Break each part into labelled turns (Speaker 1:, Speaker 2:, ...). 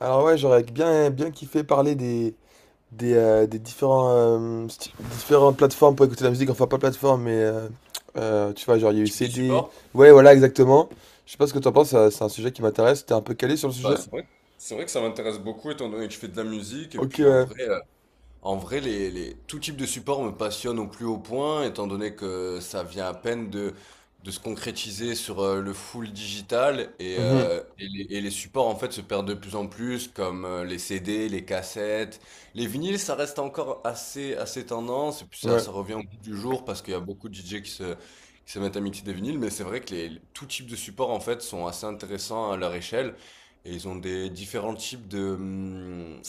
Speaker 1: Alors ouais, j'aurais bien, bien kiffé parler des différentes plateformes pour écouter la musique. Enfin, pas plateforme, mais tu vois, genre il y a eu
Speaker 2: Type de
Speaker 1: CD.
Speaker 2: support?
Speaker 1: Ouais, voilà, exactement. Je sais pas ce que t'en penses, c'est un sujet qui m'intéresse. T'es un peu calé sur le
Speaker 2: Bah,
Speaker 1: sujet?
Speaker 2: c'est vrai que ça m'intéresse beaucoup étant donné que je fais de la musique et
Speaker 1: Ok,
Speaker 2: puis en
Speaker 1: ouais.
Speaker 2: vrai, euh, En vrai, tout type de support me passionne au plus haut point, étant donné que ça vient à peine de se concrétiser sur le full digital et,
Speaker 1: Mhm.
Speaker 2: euh, et les, et les supports en fait se perdent de plus en plus, comme les CD, les cassettes, les vinyles, ça reste encore assez, assez tendance et puis ça,
Speaker 1: Ouais.
Speaker 2: ça revient au bout du jour parce qu'il y a beaucoup de DJ qui se mettent à mixer des vinyles, mais c'est vrai que tout type de support en fait sont assez intéressants à leur échelle. Et ils ont des différents types de, hum,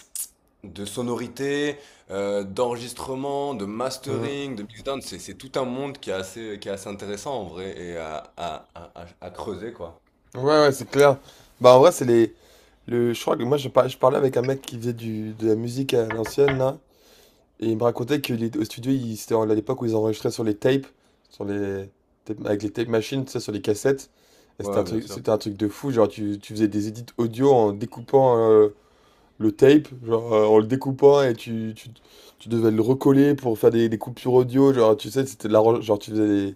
Speaker 2: de sonorité, d'enregistrement, de
Speaker 1: Mhm.
Speaker 2: mastering, de mixdown, c'est tout un monde qui est assez intéressant en vrai et à creuser quoi.
Speaker 1: Ouais, ouais, c'est clair. Bah en vrai, c'est les. Je crois que moi, je parlais avec un mec qui faisait de la musique à l'ancienne, là. Et il me racontait que au studio, c'était à l'époque où ils enregistraient sur les tapes, sur les avec les tape machines, tu sais, sur les cassettes. Et
Speaker 2: Ouais, ouais, bien sûr.
Speaker 1: c'était un truc de fou. Genre, tu faisais des edits audio en découpant le tape, genre en le découpant et tu devais le recoller pour faire des coupures audio. Genre, tu sais, c'était de la, genre, tu faisais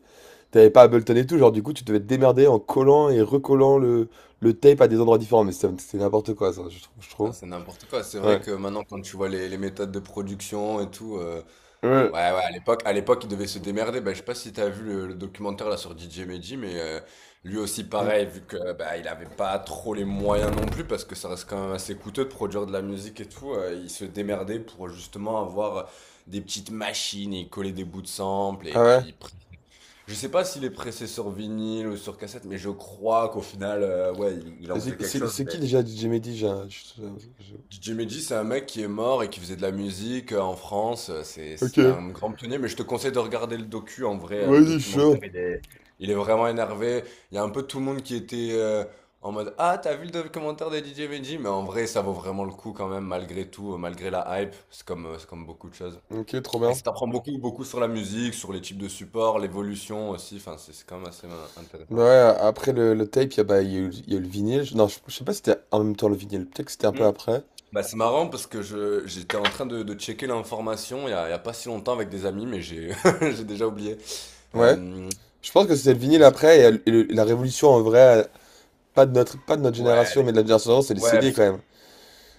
Speaker 1: t'avais pas Ableton et tout. Genre, du coup, tu devais te démerder en collant et recollant le tape à des endroits différents. Mais c'était n'importe quoi, ça, je trouve. Je
Speaker 2: Ça,
Speaker 1: trouve.
Speaker 2: c'est n'importe quoi. C'est vrai
Speaker 1: Ouais.
Speaker 2: que maintenant quand tu vois les méthodes de production et tout,
Speaker 1: Ouais.
Speaker 2: ouais, ouais, à l'époque, il devait se démerder. Ben, je sais pas si t'as vu le documentaire là sur DJ Medji, mais lui aussi
Speaker 1: Mm.
Speaker 2: pareil, vu que bah, il avait pas trop les moyens non plus, parce que ça reste quand même assez coûteux de produire de la musique et tout. Il se démerdait pour justement avoir des petites machines et coller des bouts de samples. Et
Speaker 1: Ah ouais?
Speaker 2: puis, je sais pas s'il est pressé sur vinyle ou sur cassette, mais je crois qu'au final, ouais, il
Speaker 1: Et
Speaker 2: en faisait
Speaker 1: C'est
Speaker 2: quelque
Speaker 1: c'est-
Speaker 2: chose.
Speaker 1: c'est qui déjà DJ Mehdi? Je-
Speaker 2: Jimmy G, c'est un mec qui est mort et qui faisait de la musique en France. C'est,
Speaker 1: Ok,
Speaker 2: c'est un grand pionnier, mais je te conseille de regarder le docu. En vrai, le
Speaker 1: vas-y, je suis chaud.
Speaker 2: documentaire, il est vraiment énervé. Il y a un peu tout le monde qui était en mode Ah, t'as vu le documentaire de DJ Benji? Mais en vrai, ça vaut vraiment le coup quand même, malgré tout, malgré la hype. C'est comme beaucoup de choses.
Speaker 1: Ok, trop
Speaker 2: Et
Speaker 1: bien.
Speaker 2: ça t'apprend beaucoup, beaucoup sur la musique, sur les types de supports, l'évolution aussi. Enfin, c'est quand même assez
Speaker 1: Bah
Speaker 2: intéressant.
Speaker 1: ouais, après le tape, bah, il y a eu le vinyle. Non, je sais pas si c'était en même temps le vinyle. Peut-être que c'était un peu après.
Speaker 2: Bah, c'est marrant parce que j'étais en train de checker l'information il y a pas si longtemps avec des amis, mais j'ai, j'ai déjà oublié.
Speaker 1: Ouais.
Speaker 2: Euh,
Speaker 1: Je pense que c'était le vinyle après et la révolution en vrai, pas de notre génération,
Speaker 2: ouais,
Speaker 1: mais de la génération d'avant, c'est les
Speaker 2: ouais,
Speaker 1: CD quand même.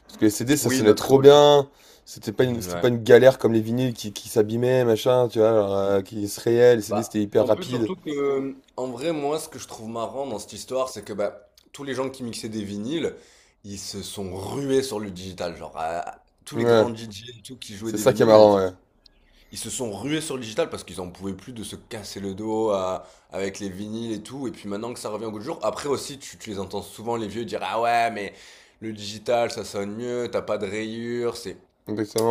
Speaker 1: Parce que les CD, ça
Speaker 2: oui,
Speaker 1: sonnait
Speaker 2: notre
Speaker 1: trop
Speaker 2: révolution.
Speaker 1: bien. C'était pas une, c'était pas
Speaker 2: Ouais.
Speaker 1: une galère comme les vinyles qui s'abîmaient, machin, tu vois, genre, qui se rayaient. Les CD,
Speaker 2: Bah,
Speaker 1: c'était hyper
Speaker 2: en plus,
Speaker 1: rapide.
Speaker 2: surtout que, en vrai, moi, ce que je trouve marrant dans cette histoire, c'est que bah, tous les gens qui mixaient des vinyles, ils se sont rués sur le digital. Genre, tous les
Speaker 1: Ouais.
Speaker 2: grands DJ et tout qui jouaient
Speaker 1: C'est
Speaker 2: des
Speaker 1: ça qui est
Speaker 2: vinyles,
Speaker 1: marrant, ouais.
Speaker 2: ils se sont rués sur le digital parce qu'ils en pouvaient plus de se casser le dos avec les vinyles et tout. Et puis maintenant que ça revient au goût du jour, après aussi, tu les entends souvent, les vieux, dire Ah ouais, mais le digital, ça sonne mieux, t'as pas de rayures.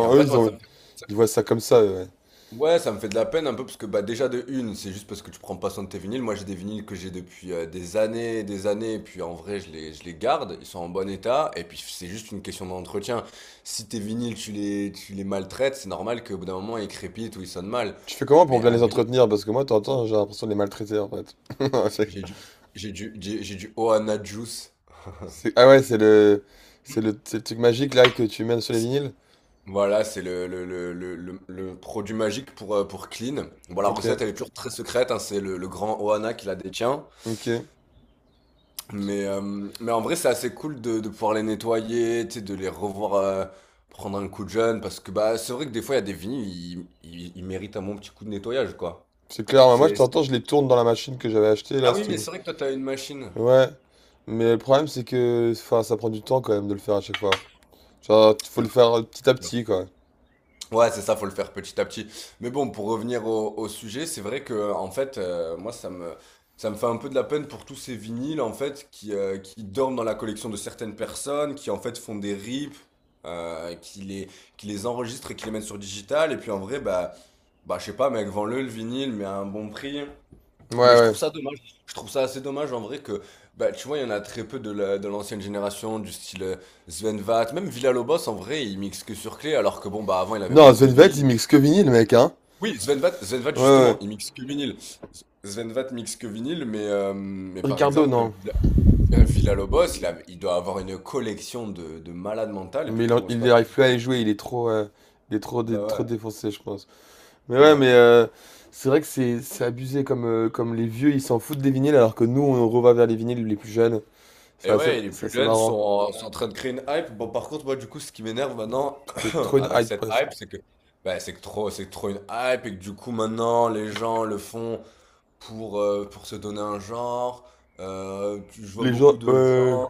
Speaker 2: Et en
Speaker 1: Eux,
Speaker 2: fait,
Speaker 1: ils
Speaker 2: moi,
Speaker 1: ont. Ils voient ça comme ça, eux, ouais.
Speaker 2: ouais, ça me fait de la peine un peu parce que bah déjà de une, c'est juste parce que tu prends pas soin de tes vinyles. Moi, j'ai des vinyles que j'ai depuis des années, et puis en vrai, je les garde, ils sont en bon état, et puis c'est juste une question d'entretien. Si tes vinyles, tu les maltraites, c'est normal qu'au bout d'un moment, ils crépitent ou ils sonnent mal.
Speaker 1: Tu fais comment pour
Speaker 2: Mais
Speaker 1: bien
Speaker 2: un
Speaker 1: les
Speaker 2: vinyle,
Speaker 1: entretenir? Parce que moi, t'entends, j'ai l'impression de les maltraiter, en fait. C'est-
Speaker 2: j'ai du, j'ai du Ohana Juice.
Speaker 1: Ah ouais, c'est le. C'est le truc magique, là, que tu mènes sur les vinyles?
Speaker 2: Voilà, c'est le produit magique pour Clean. Bon, la
Speaker 1: Ok,
Speaker 2: recette, elle est toujours très secrète, hein, c'est le grand Ohana qui la détient.
Speaker 1: ok.
Speaker 2: Mais en vrai, c'est assez cool de pouvoir les nettoyer, tu sais, de les revoir prendre un coup de jeune, parce que bah, c'est vrai que des fois, il y a des vinyles, ils méritent un bon petit coup de nettoyage, quoi.
Speaker 1: C'est clair, moi, je
Speaker 2: C'est... c'est-
Speaker 1: t'entends, je les tourne dans la machine que j'avais achetée,
Speaker 2: Ah
Speaker 1: là,
Speaker 2: oui,
Speaker 1: c'était
Speaker 2: mais
Speaker 1: une.
Speaker 2: c'est vrai que toi, t'as une machine.
Speaker 1: Ouais. Mais le problème, c'est que, enfin, ça prend du temps, quand même, de le faire à chaque fois. Genre, faut le faire petit à petit, quoi.
Speaker 2: Ouais, c'est ça, faut le faire petit à petit. Mais bon, pour revenir au, au sujet, c'est vrai que en fait, moi, ça me fait un peu de la peine pour tous ces vinyles en fait qui dorment dans la collection de certaines personnes, qui en fait font des rips, euh, qui les, qui les enregistrent et qui les mettent sur digital. Et puis en vrai, bah, je sais pas, mec, vends-le le vinyle, mais à un bon prix.
Speaker 1: Ouais,
Speaker 2: Mais je trouve
Speaker 1: ouais.
Speaker 2: ça dommage. Je trouve ça assez dommage en vrai que, bah, tu vois, il y en a très peu de de l'ancienne génération, du style Sven Vath. Même Villalobos en vrai, il mixe que sur clé, alors que bon, bah, avant, il avait
Speaker 1: Non,
Speaker 2: beaucoup de
Speaker 1: Svenvet, il
Speaker 2: vinyle.
Speaker 1: mixe que vinyle, mec, hein?
Speaker 2: Oui, Sven Vath,
Speaker 1: Ouais,
Speaker 2: justement,
Speaker 1: ouais.
Speaker 2: il mixe que vinyle. Sven Vath mixe que vinyle, mais par
Speaker 1: Ricardo,
Speaker 2: exemple,
Speaker 1: non.
Speaker 2: Villa- villa il doit avoir une collection de malades mentales, et
Speaker 1: Mais
Speaker 2: puis
Speaker 1: il, en-
Speaker 2: pour... c'est
Speaker 1: il
Speaker 2: pas-
Speaker 1: arrive plus à les jouer, il est trop. Il est trop
Speaker 2: Bah
Speaker 1: défoncé, je pense. Mais
Speaker 2: ouais.
Speaker 1: ouais,
Speaker 2: Ouais.
Speaker 1: mais c'est vrai que c'est abusé comme, comme les vieux ils s'en foutent des vinyles alors que nous on revient vers les vinyles les plus jeunes. C'est
Speaker 2: Et
Speaker 1: assez,
Speaker 2: ouais, les
Speaker 1: c'est
Speaker 2: plus
Speaker 1: assez
Speaker 2: jeunes sont
Speaker 1: marrant.
Speaker 2: en, sont en train de créer une hype. Bon, par contre, moi, du coup, ce qui m'énerve maintenant
Speaker 1: Parce que c'est trop une
Speaker 2: avec
Speaker 1: hype
Speaker 2: cette
Speaker 1: presque.
Speaker 2: hype, c'est que bah, c'est que trop, c'est trop une hype et que du coup, maintenant, les gens le font pour se donner un genre. Je vois
Speaker 1: Les gens,
Speaker 2: beaucoup de
Speaker 1: ouais.
Speaker 2: gens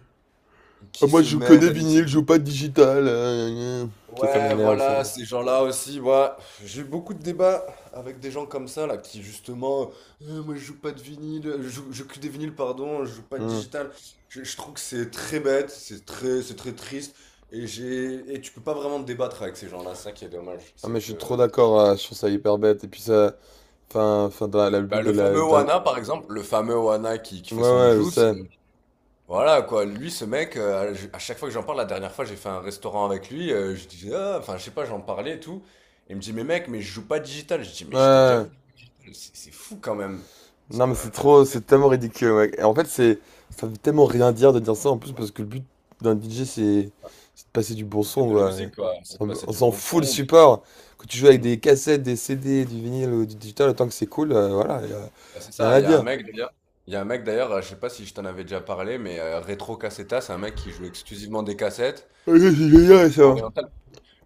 Speaker 1: Ah,
Speaker 2: qui
Speaker 1: moi
Speaker 2: se
Speaker 1: je joue que
Speaker 2: mettent
Speaker 1: des
Speaker 2: à mixer.
Speaker 1: vinyles, je joue pas de digital. Gna gna. Ça
Speaker 2: Ouais,
Speaker 1: m'énerve aussi.
Speaker 2: voilà, ces gens-là aussi, moi, j'ai eu beaucoup de débats avec des gens comme ça, là, qui justement, moi je joue pas de vinyle, je joue que des vinyles, pardon, je joue pas de
Speaker 1: Hmm.
Speaker 2: digital. Je trouve que c'est très bête, c'est très triste, et et tu peux pas vraiment te débattre avec ces gens-là, ça qui est dommage,
Speaker 1: Ah,
Speaker 2: c'est
Speaker 1: mais je suis trop
Speaker 2: que,
Speaker 1: d'accord, je trouve ça hyper bête. Et puis ça. Enfin, le but
Speaker 2: bah, le fameux Wana, par exemple, le fameux Wana qui fait son
Speaker 1: Ouais, ouais, je
Speaker 2: juice,
Speaker 1: sais.
Speaker 2: voilà quoi, lui ce mec, à chaque fois que j'en parle, la dernière fois j'ai fait un restaurant avec lui, je dis, Ah, enfin je sais pas, j'en parlais et tout. Il me dit, mais mec, mais je joue pas digital. Je dis, mais je t'ai déjà
Speaker 1: Ouais.
Speaker 2: vu, c'est fou quand même. C'est
Speaker 1: Non,
Speaker 2: quand
Speaker 1: mais
Speaker 2: même abusé
Speaker 1: c'est tellement ridicule, ouais. Et en fait, c'est. Ça veut tellement rien dire de dire ça en plus parce que le but d'un DJ, c'est de passer du bon
Speaker 2: de
Speaker 1: son,
Speaker 2: mettre de la
Speaker 1: quoi.
Speaker 2: musique quoi, ça te
Speaker 1: On s'en
Speaker 2: passait
Speaker 1: on
Speaker 2: du
Speaker 1: s'en
Speaker 2: bon
Speaker 1: fout le
Speaker 2: son.
Speaker 1: support. Quand tu joues avec
Speaker 2: Bon-
Speaker 1: des cassettes, des CD, du vinyle ou du digital, autant que c'est cool, voilà, y a
Speaker 2: Ah, c'est
Speaker 1: rien
Speaker 2: ça,
Speaker 1: à
Speaker 2: il y a un
Speaker 1: dire.
Speaker 2: mec d'ailleurs, il y a un mec d'ailleurs, je sais pas si je t'en avais déjà parlé, mais Retro Cassetta, c'est un mec qui joue exclusivement des cassettes
Speaker 1: Ouais, c'est génial, ça.
Speaker 2: orientales.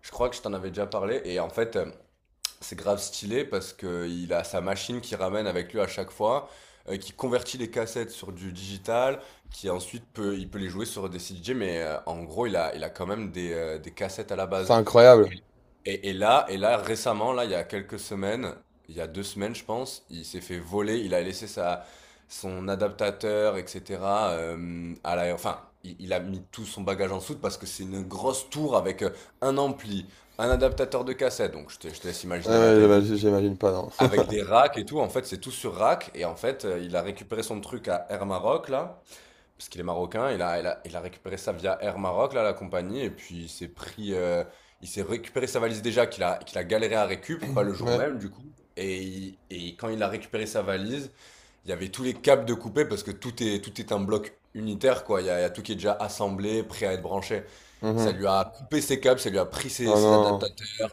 Speaker 2: Je crois que je t'en avais déjà parlé et en fait. C'est grave stylé parce qu'il a sa machine qui ramène avec lui à chaque fois, qui convertit les cassettes sur du digital, qui ensuite il peut les jouer sur des CDJ, en gros, il a quand même des cassettes à la
Speaker 1: C'est
Speaker 2: base.
Speaker 1: incroyable.
Speaker 2: Et là, récemment, là, il y a quelques semaines, il y a deux semaines, je pense, il s'est fait voler, il a laissé son adaptateur, etc. Enfin, il a mis tout son bagage en soute parce que c'est une grosse tour avec un ampli, un adaptateur de cassette, donc je te laisse
Speaker 1: Ouais,
Speaker 2: imaginer la
Speaker 1: ouais,
Speaker 2: taille du
Speaker 1: j'imagine pas, non.
Speaker 2: avec des racks et tout, en fait, c'est tout sur rack. Et en fait, il a récupéré son truc à Air Maroc, là, parce qu'il est marocain. Il a récupéré ça via Air Maroc, là, la compagnie. Et puis, il s'est récupéré sa valise déjà, qu'il a galéré à récup, pas le jour
Speaker 1: Ouais.
Speaker 2: même, du coup. Et quand il a récupéré sa valise, il y avait tous les câbles de coupé, parce que tout est un bloc unitaire, quoi. Il y a tout qui est déjà assemblé, prêt à être branché. Ça
Speaker 1: Mhm.
Speaker 2: lui a coupé ses câbles, ça lui a pris ses,
Speaker 1: Oh
Speaker 2: ses
Speaker 1: non,
Speaker 2: adaptateurs.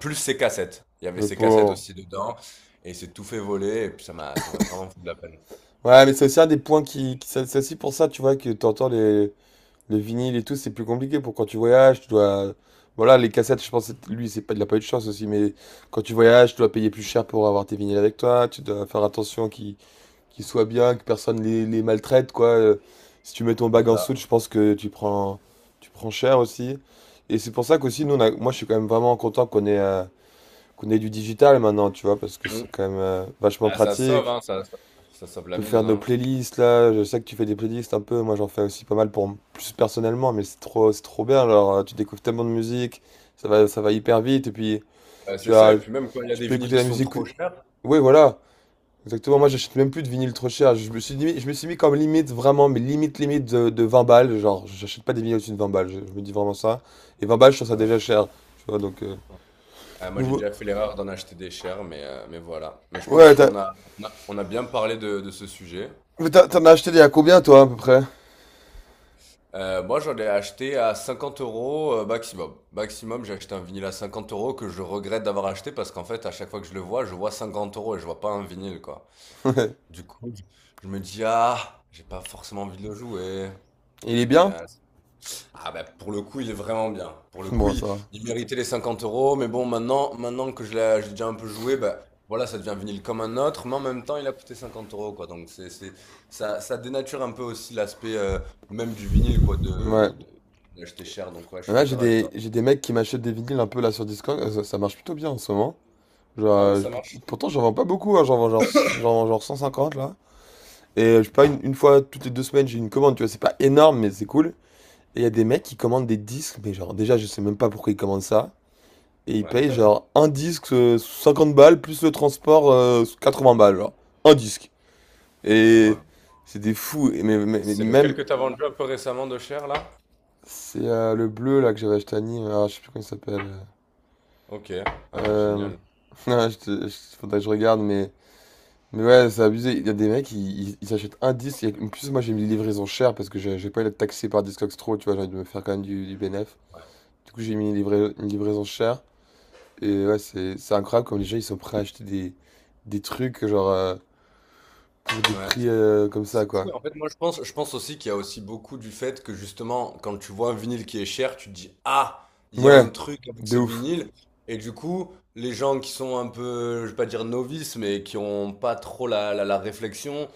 Speaker 2: Plus ses cassettes. Il y avait
Speaker 1: le
Speaker 2: ses cassettes
Speaker 1: pauvre.
Speaker 2: aussi dedans et il s'est tout fait voler et puis ça m'a vraiment fait de la peine.
Speaker 1: Ouais, mais c'est aussi un des points c'est aussi pour ça, tu vois, que t'entends les. Les vinyles et tout, c'est plus compliqué pour quand tu voyages, tu dois. Voilà, les cassettes, je pense, lui, c'est pas, il a pas eu de chance aussi, mais quand tu voyages, tu dois payer plus cher pour avoir tes vinyles avec toi, tu dois faire attention qu'ils soient bien, que personne les maltraite, quoi. Si tu mets ton
Speaker 2: C'est
Speaker 1: bag en
Speaker 2: ça.
Speaker 1: soute, je pense que tu prends cher aussi. Et c'est pour ça qu'aussi, nous, moi, je suis quand même vraiment content qu'on ait, qu'on ait du digital maintenant, tu vois, parce que
Speaker 2: Mm.
Speaker 1: c'est quand même vachement
Speaker 2: Ah, ça sauve,
Speaker 1: pratique
Speaker 2: hein, ça, sauve la
Speaker 1: peut
Speaker 2: mise,
Speaker 1: faire nos
Speaker 2: hein.
Speaker 1: playlists là. Je sais que tu fais des playlists un peu. Moi, j'en fais aussi pas mal pour plus personnellement, mais c'est trop bien. Alors, tu découvres tellement de musique, ça va hyper vite. Et puis,
Speaker 2: Bah,
Speaker 1: tu
Speaker 2: c'est ça,
Speaker 1: vas,
Speaker 2: et puis même quand il y a
Speaker 1: tu
Speaker 2: des
Speaker 1: peux écouter
Speaker 2: vinyles
Speaker 1: la
Speaker 2: qui sont
Speaker 1: musique.
Speaker 2: trop chers,
Speaker 1: Oui, voilà, exactement. Moi, j'achète même plus de vinyle trop cher. Je me suis mis comme limite vraiment, mais limite limite de 20 balles. Genre, j'achète pas des vinyles au-dessus de 20 balles. Je me dis vraiment ça. Et 20 balles, je trouve ça
Speaker 2: ouais.
Speaker 1: déjà cher. Tu vois, donc
Speaker 2: Ah, moi j'ai
Speaker 1: nouveau.
Speaker 2: déjà fait l'erreur d'en acheter des chers, mais voilà. Mais je pense
Speaker 1: Ouais, t'as,
Speaker 2: qu'on a bien parlé de ce sujet.
Speaker 1: mais t'as- t'en as acheté il y a combien toi à peu près?
Speaker 2: Moi j'en ai acheté à 50 euros maximum. Maximum, j'ai acheté un vinyle à 50 euros que je regrette d'avoir acheté parce qu'en fait, à chaque fois que je le vois, je vois 50 euros et je vois pas un vinyle, quoi. Du coup, je me dis: «Ah, j'ai pas forcément envie de le jouer».
Speaker 1: Il est
Speaker 2: Et
Speaker 1: bien?
Speaker 2: heu, ah bah, pour le coup, il est vraiment bien. Pour le coup,
Speaker 1: Bon,
Speaker 2: il
Speaker 1: ça va.
Speaker 2: il méritait les 50 euros. Mais bon, maintenant que je l'ai j'ai déjà un peu joué, bah, voilà, ça devient un vinyle comme un autre, mais en même temps, il a coûté 50 euros, quoi, donc c'est ça dénature un peu aussi l'aspect, même du vinyle quoi,
Speaker 1: Ouais.
Speaker 2: de d'acheter cher, donc ouais, je suis
Speaker 1: Ouais, j'ai
Speaker 2: d'accord avec
Speaker 1: des,
Speaker 2: toi.
Speaker 1: j'ai des mecs qui m'achètent des vinyles un peu là sur Discord, ça, ça marche plutôt bien en ce moment. Genre,
Speaker 2: Ah ouais, ça marche?
Speaker 1: pourtant j'en vends pas beaucoup, hein, j'en vends genre 150 là. Et je sais pas, une fois toutes les 2 semaines j'ai une commande, tu vois, c'est pas énorme mais c'est cool. Et il y a des mecs qui commandent des disques, mais genre déjà je sais même pas pourquoi ils commandent ça. Et ils
Speaker 2: Ouais,
Speaker 1: payent genre un disque 50 balles plus le transport 80 balles, genre. Un disque.
Speaker 2: c'est
Speaker 1: Et
Speaker 2: vraiment
Speaker 1: c'est des fous. Et mais
Speaker 2: c'est lequel
Speaker 1: même
Speaker 2: que tu vendu un peu récemment de cher là?
Speaker 1: c'est le bleu là que j'avais acheté à Nîmes. Ah, je sais plus comment il s'appelle.
Speaker 2: OK. Ah ouais,
Speaker 1: Euh...
Speaker 2: génial.
Speaker 1: Non, faudrait que je regarde, mais. Mais ouais, c'est abusé. Il y a des mecs, ils s'achètent un disque. Et en plus, moi, j'ai mis les livraisons chères parce que j'ai pas eu d'être taxé par Discogs trop, tu vois, j'ai envie de me faire quand même du bénéf.
Speaker 2: Ouais,
Speaker 1: Du coup, j'ai mis une livraison chère. Et ouais, c'est incroyable comme les gens, ils sont prêts à acheter des trucs, genre, pour des
Speaker 2: ouais.
Speaker 1: prix comme ça,
Speaker 2: C'est fou
Speaker 1: quoi.
Speaker 2: et en fait, moi, je pense aussi qu'il y a aussi beaucoup du fait que justement, quand tu vois un vinyle qui est cher, tu te dis, ah, il y a
Speaker 1: Ouais,
Speaker 2: un truc avec
Speaker 1: de
Speaker 2: ce
Speaker 1: ouf.
Speaker 2: vinyle. Et du coup, les gens qui sont un peu, je vais pas dire novices, mais qui ont pas trop la réflexion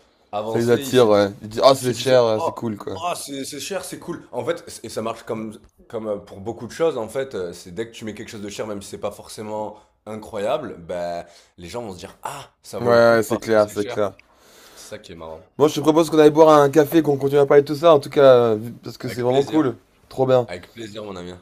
Speaker 1: Ça les
Speaker 2: avancée, ils se
Speaker 1: attire,
Speaker 2: disent,
Speaker 1: ouais. Ils disent, ah,
Speaker 2: ils
Speaker 1: c'est
Speaker 2: se disent,
Speaker 1: cher, ouais, c'est
Speaker 2: oh,
Speaker 1: cool, quoi.
Speaker 2: oh, c'est cher, c'est cool. En fait, et ça marche comme, pour beaucoup de choses, en fait, c'est dès que tu mets quelque chose de cher, même si c'est pas forcément incroyable, ben, les gens vont se dire, ah, ça
Speaker 1: Ouais,
Speaker 2: vaut le
Speaker 1: ouais,
Speaker 2: coup
Speaker 1: ouais, c'est
Speaker 2: parce que
Speaker 1: clair,
Speaker 2: c'est
Speaker 1: c'est
Speaker 2: cher.
Speaker 1: clair.
Speaker 2: C'est ça qui est marrant.
Speaker 1: Bon, je te propose qu'on aille boire un café, qu'on continue à parler de tout ça, en tout cas, parce que c'est
Speaker 2: Avec
Speaker 1: vraiment cool.
Speaker 2: plaisir,
Speaker 1: Trop bien.
Speaker 2: avec plaisir, mon ami.